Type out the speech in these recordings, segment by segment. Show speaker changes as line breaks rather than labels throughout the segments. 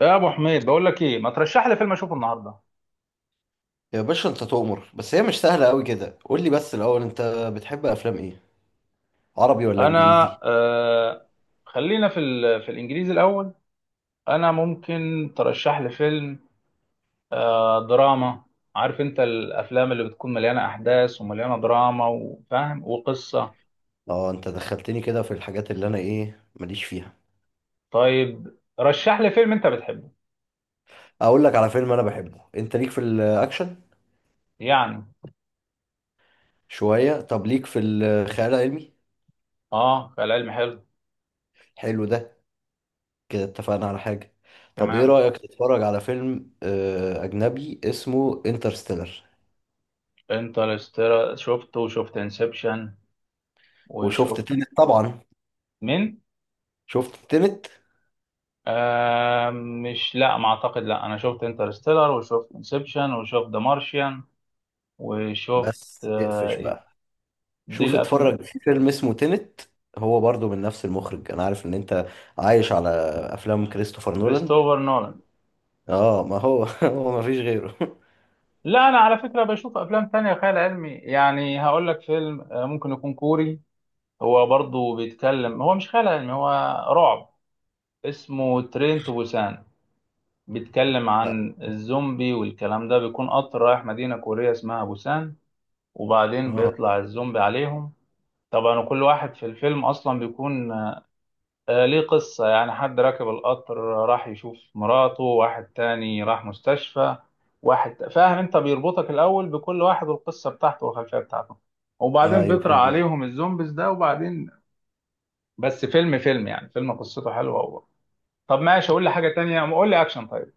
يا ابو حميد بقول لك ايه ما ترشح لي فيلم اشوفه النهارده.
يا باشا، انت تؤمر. بس هي مش سهلة قوي كده. قول لي بس الاول، انت بتحب افلام ايه؟ عربي ولا
انا
انجليزي؟
خلينا في في الانجليزي الاول. انا ممكن ترشح لي فيلم دراما. عارف انت الافلام اللي بتكون مليانه احداث ومليانه دراما وفاهم وقصه.
اه، انت دخلتني كده في الحاجات اللي انا ايه ماليش فيها.
طيب رشح لي فيلم انت بتحبه
اقول لك على فيلم انا بحبه. انت ليك في الاكشن؟
يعني.
شوية. طب ليك في الخيال العلمي؟
اه، خيال علمي حلو.
حلو ده. كده اتفقنا على حاجة. طب ايه
تمام.
رأيك تتفرج على فيلم اجنبي اسمه انترستيلر؟
انترستيلر شفته وشفت انسبشن
وشفت
وشفت.
تنت طبعا؟
مين؟
شفت تنت.
آه، مش، لا ما اعتقد، لا انا شفت انترستيلر وشفت انسبشن وشفت ذا مارشيان وشفت.
بس اقفش
آه
بقى.
دي
شوف،
الافلام.
اتفرج في فيلم اسمه تينت. هو برضو من نفس المخرج. انا عارف ان انت عايش على افلام كريستوفر نولان.
كريستوفر نولان.
اه، ما هو هو ما فيش غيره.
لا انا على فكره بشوف افلام تانية خيال علمي، يعني هقول لك فيلم ممكن يكون كوري. هو برضو بيتكلم، هو مش خيال علمي، هو رعب. اسمه ترين تو بوسان، بيتكلم عن الزومبي والكلام ده، بيكون قطر رايح مدينه كوريه اسمها بوسان وبعدين
اه،
بيطلع الزومبي عليهم. طبعا وكل واحد في الفيلم اصلا بيكون ليه قصة، يعني حد راكب القطر راح يشوف مراته، واحد تاني راح مستشفى، واحد، فاهم انت، بيربطك الأول بكل واحد والقصة بتاعته والخلفية بتاعته وبعدين
ايوه،
بيطرح
فاهم قصدك.
عليهم الزومبيز ده وبعدين. بس فيلم فيلم يعني، فيلم قصته حلوة هو. طب ماشي قول لي حاجة تانية، قول لي أكشن. طيب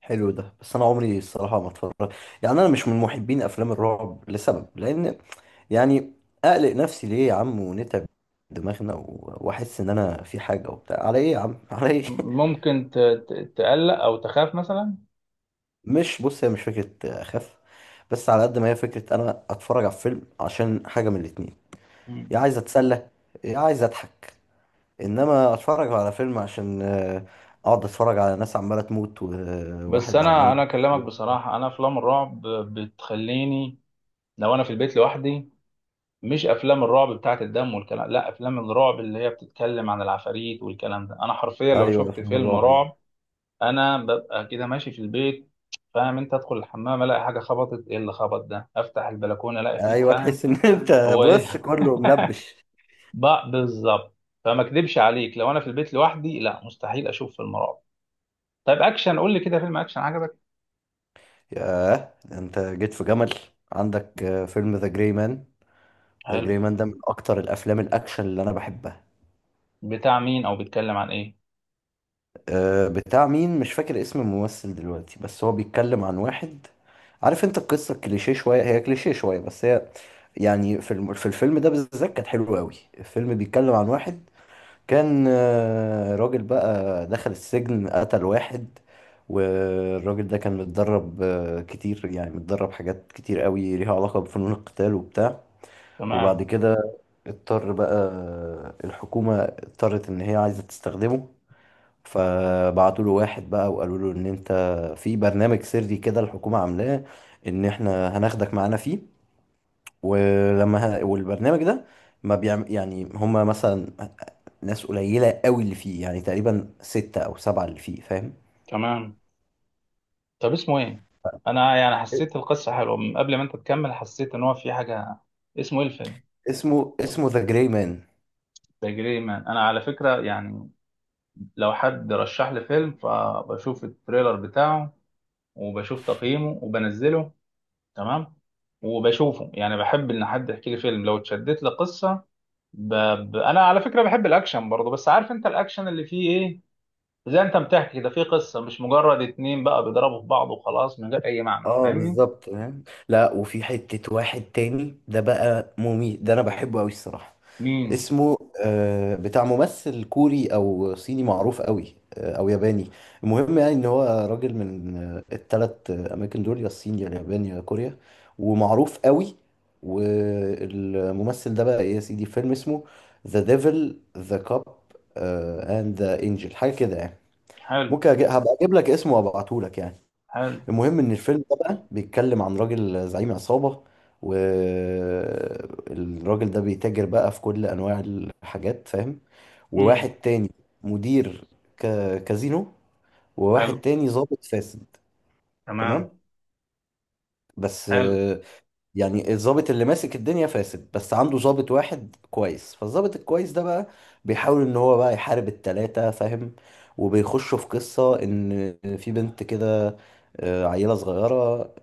حلو ده، بس انا عمري الصراحه ما اتفرج، يعني انا مش من محبين افلام الرعب لسبب، لان يعني اقلق نفسي ليه يا عم، ونتعب دماغنا، واحس ان انا في حاجه وبتاع، على ايه يا عم، على ايه؟
ممكن تقلق أو تخاف مثلا.
مش، بص، هي مش فكره اخاف. بس على قد ما هي فكره، انا اتفرج على فيلم عشان حاجه من الاتنين:
مم.
يا عايز اتسلى، يا عايز اضحك. انما اتفرج على فيلم عشان اقعد اتفرج على ناس عماله تموت،
بس
وواحد عمال
أنا أكلمك
يضحك.
بصراحة، أنا أفلام الرعب بتخليني، لو أنا في البيت لوحدي. مش افلام الرعب بتاعت الدم والكلام، لا افلام الرعب اللي هي بتتكلم عن العفاريت والكلام ده، انا حرفيا لو
ايوه،
شفت
افلام
فيلم
الرعب دي.
رعب انا ببقى كده ماشي في البيت، فاهم انت، ادخل الحمام الاقي حاجه خبطت، ايه اللي خبط ده، افتح البلكونه الاقي فيه،
ايوه،
فاهم.
تحس ان انت
هو ايه
بص كله ملبش.
بقى بالظبط. فما اكدبش عليك، لو انا في البيت لوحدي لا مستحيل اشوف فيلم رعب. طيب اكشن قول لي كده فيلم اكشن عجبك.
ياه، ده انت جيت في جمل. عندك فيلم ذا جراي مان. ذا جراي
حلو.
مان ده من اكتر الافلام الاكشن اللي انا بحبها.
بتاع مين او بيتكلم عن ايه؟
بتاع مين مش فاكر اسم الممثل دلوقتي، بس هو بيتكلم عن واحد. عارف انت، القصة كليشيه شوية، هي كليشيه شوية بس هي، يعني في الفيلم ده بالذات كانت حلوة قوي. الفيلم بيتكلم عن واحد كان راجل بقى دخل السجن، قتل واحد. والراجل ده كان متدرب كتير، يعني متدرب حاجات كتير قوي ليها علاقة بفنون القتال وبتاع.
تمام.
وبعد كده اضطر بقى، الحكومة اضطرت إن هي عايزة تستخدمه. فبعتوا له واحد بقى وقالوا له ان انت في برنامج سري كده الحكومة عاملاه، ان احنا هناخدك معانا فيه. والبرنامج ده ما بيعمل، يعني هما مثلا ناس قليلة قوي اللي فيه، يعني تقريبا ستة او سبعة اللي فيه، فاهم؟
تمام. طب اسمه ايه؟ انا يعني حسيت القصه حلوه من قبل ما انت تكمل، حسيت ان هو في حاجه. اسمه ايه الفيلم؟
اسمه ذا جراي مان.
ذا جري مان. انا على فكره يعني لو حد رشح لي فيلم فبشوف التريلر بتاعه وبشوف تقييمه وبنزله. تمام. وبشوفه يعني، بحب ان حد يحكي لي فيلم، لو اتشدت لقصه ب... انا على فكره بحب الاكشن برضه، بس عارف انت الاكشن اللي فيه ايه، زي انت بتحكي ده، فيه قصه، مش مجرد اتنين بقى بيضربوا في بعض وخلاص من غير اي معنى،
اه،
فاهمني.
بالظبط فاهم. لا، وفي حتة واحد تاني ده بقى مميت، ده انا بحبه قوي الصراحة.
مين؟
اسمه بتاع ممثل كوري او صيني معروف قوي، او ياباني. المهم يعني ان هو راجل من التلات اماكن دول، يا الصين يا اليابان يا كوريا، ومعروف قوي. والممثل ده بقى إيه يا سيدي، فيلم اسمه ذا ديفل ذا كاب اند ذا انجل، حاجة كده يعني.
حلو.
هبقى اجيب لك اسمه وابعته لك يعني.
حلو.
المهم ان الفيلم ده بقى بيتكلم عن راجل زعيم عصابة. والراجل ده بيتاجر بقى في كل انواع الحاجات، فاهم؟
مم.
وواحد تاني مدير كازينو، وواحد
حلو.
تاني ضابط فاسد.
تمام.
تمام، بس
حلو.
يعني الضابط اللي ماسك الدنيا فاسد، بس عنده ضابط واحد كويس، فالضابط الكويس ده بقى بيحاول ان هو بقى يحارب التلاتة، فاهم؟ وبيخشوا في قصة ان في بنت كده، عيلة صغيرة،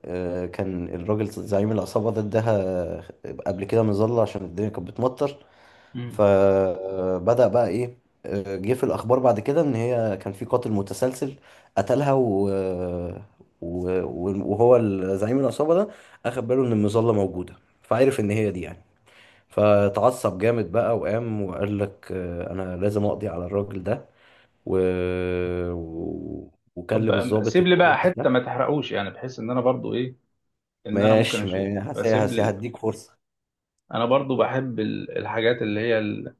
كان الراجل زعيم العصابة ده اداها قبل كده مظلة عشان الدنيا كانت بتمطر.
مم.
فبدأ بقى ايه، جه في الاخبار بعد كده ان هي كان في قاتل متسلسل قتلها، وهو زعيم العصابة ده اخد باله ان المظلة موجودة، فعرف ان هي دي يعني. فتعصب جامد بقى وقام وقال لك، انا لازم اقضي على الراجل ده، و... و...
طب
وكلم الضابط
سيب لي بقى
الكويس
حته
ده.
ما تحرقوش، يعني بحيث ان انا برضو ايه، ان انا ممكن
ماشي
اشوف،
ماشي
فسيب لي.
هديك فرصة.
انا برضو بحب الحاجات اللي هي ال...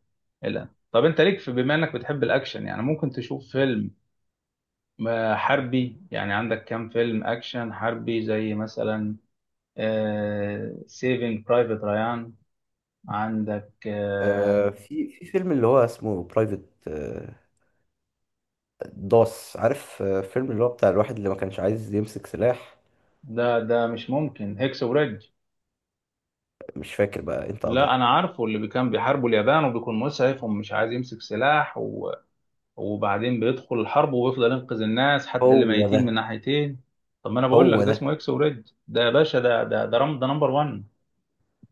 ال... طب انت ليك في، بما انك بتحب الاكشن، يعني ممكن تشوف فيلم حربي يعني، عندك كام فيلم اكشن حربي زي مثلا سيفينج برايفت ريان. عندك
في فيلم اللي هو اسمه برايفت داس. عارف فيلم اللي هو بتاع الواحد اللي ما كانش عايز يمسك سلاح؟
ده ده مش ممكن هيكس وريدج.
مش فاكر بقى، انت ادرى.
لا انا عارفه، اللي كان بيحاربوا اليابان وبيكون مسعف ومش عايز يمسك سلاح، وبعدين بيدخل الحرب ويفضل ينقذ الناس حتى اللي
هو
ميتين من
ده.
ناحيتين. طب ما انا بقول لك
هو
ده اسمه
ده.
اكس وريد، ده يا باشا ده رم، ده نمبر 1.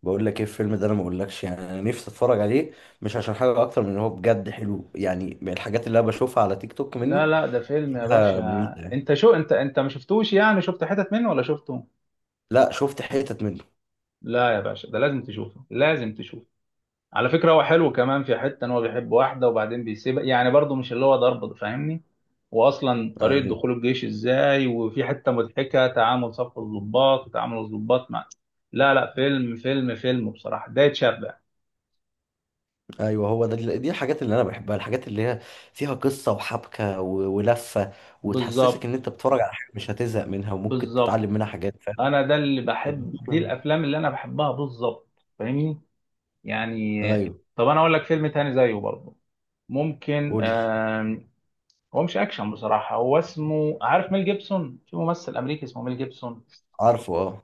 بقول لك ايه، الفيلم ده انا ما اقولكش، يعني انا نفسي اتفرج عليه، مش عشان حاجه اكتر من ان هو بجد حلو، يعني من الحاجات اللي انا بشوفها على تيك توك
لا
منه.
لا ده فيلم يا باشا.
مميته يعني.
انت شو انت انت ما شفتوش يعني، شفت حتت منه ولا شفته؟
لا، شفت حتت منه.
لا يا باشا ده لازم تشوفه، لازم تشوفه. على فكرة هو حلو كمان في حتة ان هو بيحب واحدة وبعدين بيسيبها، يعني برضه مش اللي هو ضرب، فاهمني. واصلا طريقة
ايوه،
دخول الجيش ازاي، وفي حتة مضحكة تعامل صف الضباط وتعامل الضباط مع. لا لا فيلم فيلم فيلم بصراحة ده يتشبع.
ايوه، هو ده. دي الحاجات اللي انا بحبها، الحاجات اللي هي فيها قصه وحبكه ولفه، وتحسسك
بالظبط.
ان انت بتتفرج على حاجه مش هتزهق منها، وممكن
بالظبط.
تتعلم منها حاجات، فاهم؟
انا ده اللي بحب، دي الافلام اللي انا بحبها بالظبط، فاهمني، يعني.
ايوه،
طب انا اقول لك فيلم تاني زيه برضه، ممكن.
قول لي.
هو مش اكشن بصراحة، هو اسمه، عارف ميل جيبسون، في ممثل امريكي اسمه ميل جيبسون،
عارفه، اه.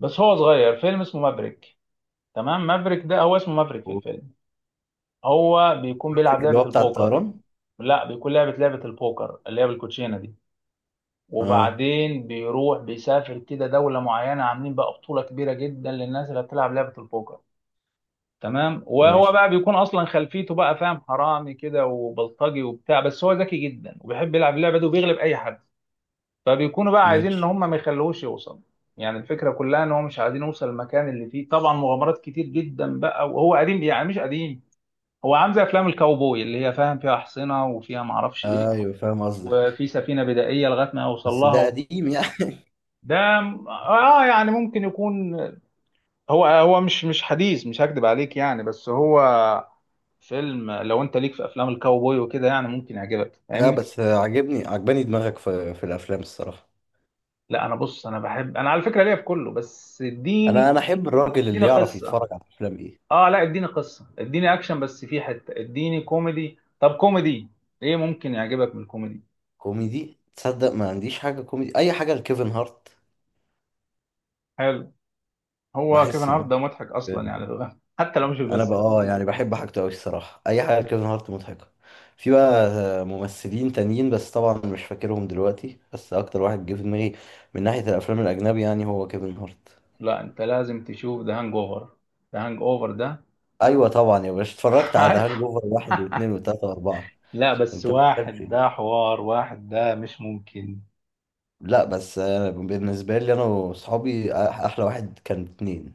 بس هو صغير، فيلم اسمه مافريك. تمام، مافريك ده هو اسمه مافريك في
هو
الفيلم. هو بيكون بيلعب
قصدك اللي
لعبة
هو بتاع
البوكر.
الطيران؟
لا بيكون لعبة البوكر اللي هي بالكوتشينة دي،
اه،
وبعدين بيروح بيسافر كده دولة معينة عاملين بقى بطولة كبيرة جدا للناس اللي بتلعب لعبة البوكر. تمام. وهو
ماشي
بقى بيكون اصلا خلفيته بقى، فاهم، حرامي كده وبلطجي وبتاع، بس هو ذكي جدا وبيحب يلعب اللعبة دي وبيغلب اي حد. فبيكونوا بقى عايزين ان
ماشي
هم ما يخلوهوش يوصل. يعني الفكره كلها ان هو مش عايزين يوصل المكان اللي فيه، طبعا مغامرات كتير جدا بقى. وهو قديم يعني، مش قديم، هو عامل زي افلام الكاوبوي اللي هي، فاهم، فيها احصنه وفيها ما اعرفش ايه،
ايوه، فاهم قصدك.
وفي سفينه بدائيه لغايه ما يوصل
بس ده
لها.
قديم يعني.
ده اه يعني ممكن يكون، هو مش حديث، مش هكدب عليك يعني، بس هو فيلم لو انت ليك في افلام الكاوبوي وكده يعني ممكن يعجبك،
لا،
فاهمني.
بس عجبني، عجباني دماغك في الافلام الصراحه.
لا انا، بص انا بحب، انا على فكره ليا في كله، بس
انا
اديني،
انا احب الراجل
اديني
اللي يعرف
قصه.
يتفرج على افلام ايه.
اه لا اديني قصه، اديني اكشن، بس في حته اديني كوميدي. طب كوميدي ايه ممكن يعجبك من الكوميدي؟
كوميدي؟ تصدق، ما عنديش حاجه كوميدي، اي حاجه لكيفن هارت.
حلو. هو كيفن
بحس ان
هارت ده مضحك اصلا يعني ده. حتى لو مش
انا بقى
بيمثل.
اه يعني بحب حاجته قوي الصراحه، اي حاجه لكيفن هارت مضحكه. في بقى ممثلين تانيين بس طبعا مش فاكرهم دلوقتي، بس اكتر واحد جه في دماغي من ناحيه الافلام الاجنبي يعني هو كيفن هارت.
لا انت لازم تشوف ذا هانج اوفر، ذا هانج اوفر ده.
ايوه طبعا يا باشا، اتفرجت على ذا هانج
عارف.
اوفر واحد واثنين وثلاثه واربعه.
لا بس
انت بتتكلم في
واحد
دي؟
ده حوار، واحد ده مش ممكن.
لا بس، أنا بالنسبه لي، انا واصحابي احلى واحد كان اثنين.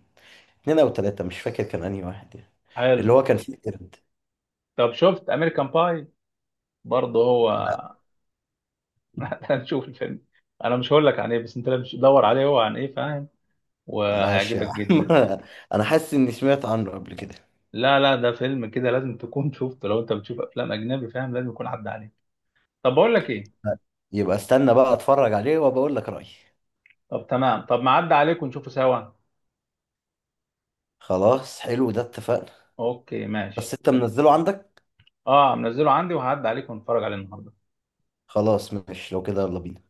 اثنين او ثلاثه، مش فاكر كان انهي واحد يعني. اللي
حلو.
هو كان فيه قرد.
طب شفت امريكان باي؟ برضه هو.
لا.
هنشوف الفيلم. انا مش هقول لك عن ايه، بس انت لازم تدور عليه هو عن ايه، فاهم،
ماشي يا
وهيعجبك
عم.
جدا.
انا حاسس اني سمعت عنه قبل كده.
لا لا ده فيلم كده لازم تكون شفته، لو انت بتشوف افلام اجنبي، فاهم، لازم يكون عدى عليك. طب بقول لك ايه.
لا، يبقى استنى بقى اتفرج عليه، وبقول لك رايي.
طب تمام، طب ما عدى عليك ونشوفه سوا.
خلاص، حلو ده، اتفقنا.
اوكي
بس
ماشي.
انت منزله عندك؟
اه منزله عندي وهعدي عليك ونتفرج عليه النهارده.
خلاص ماشي، لو كده يلا بينا.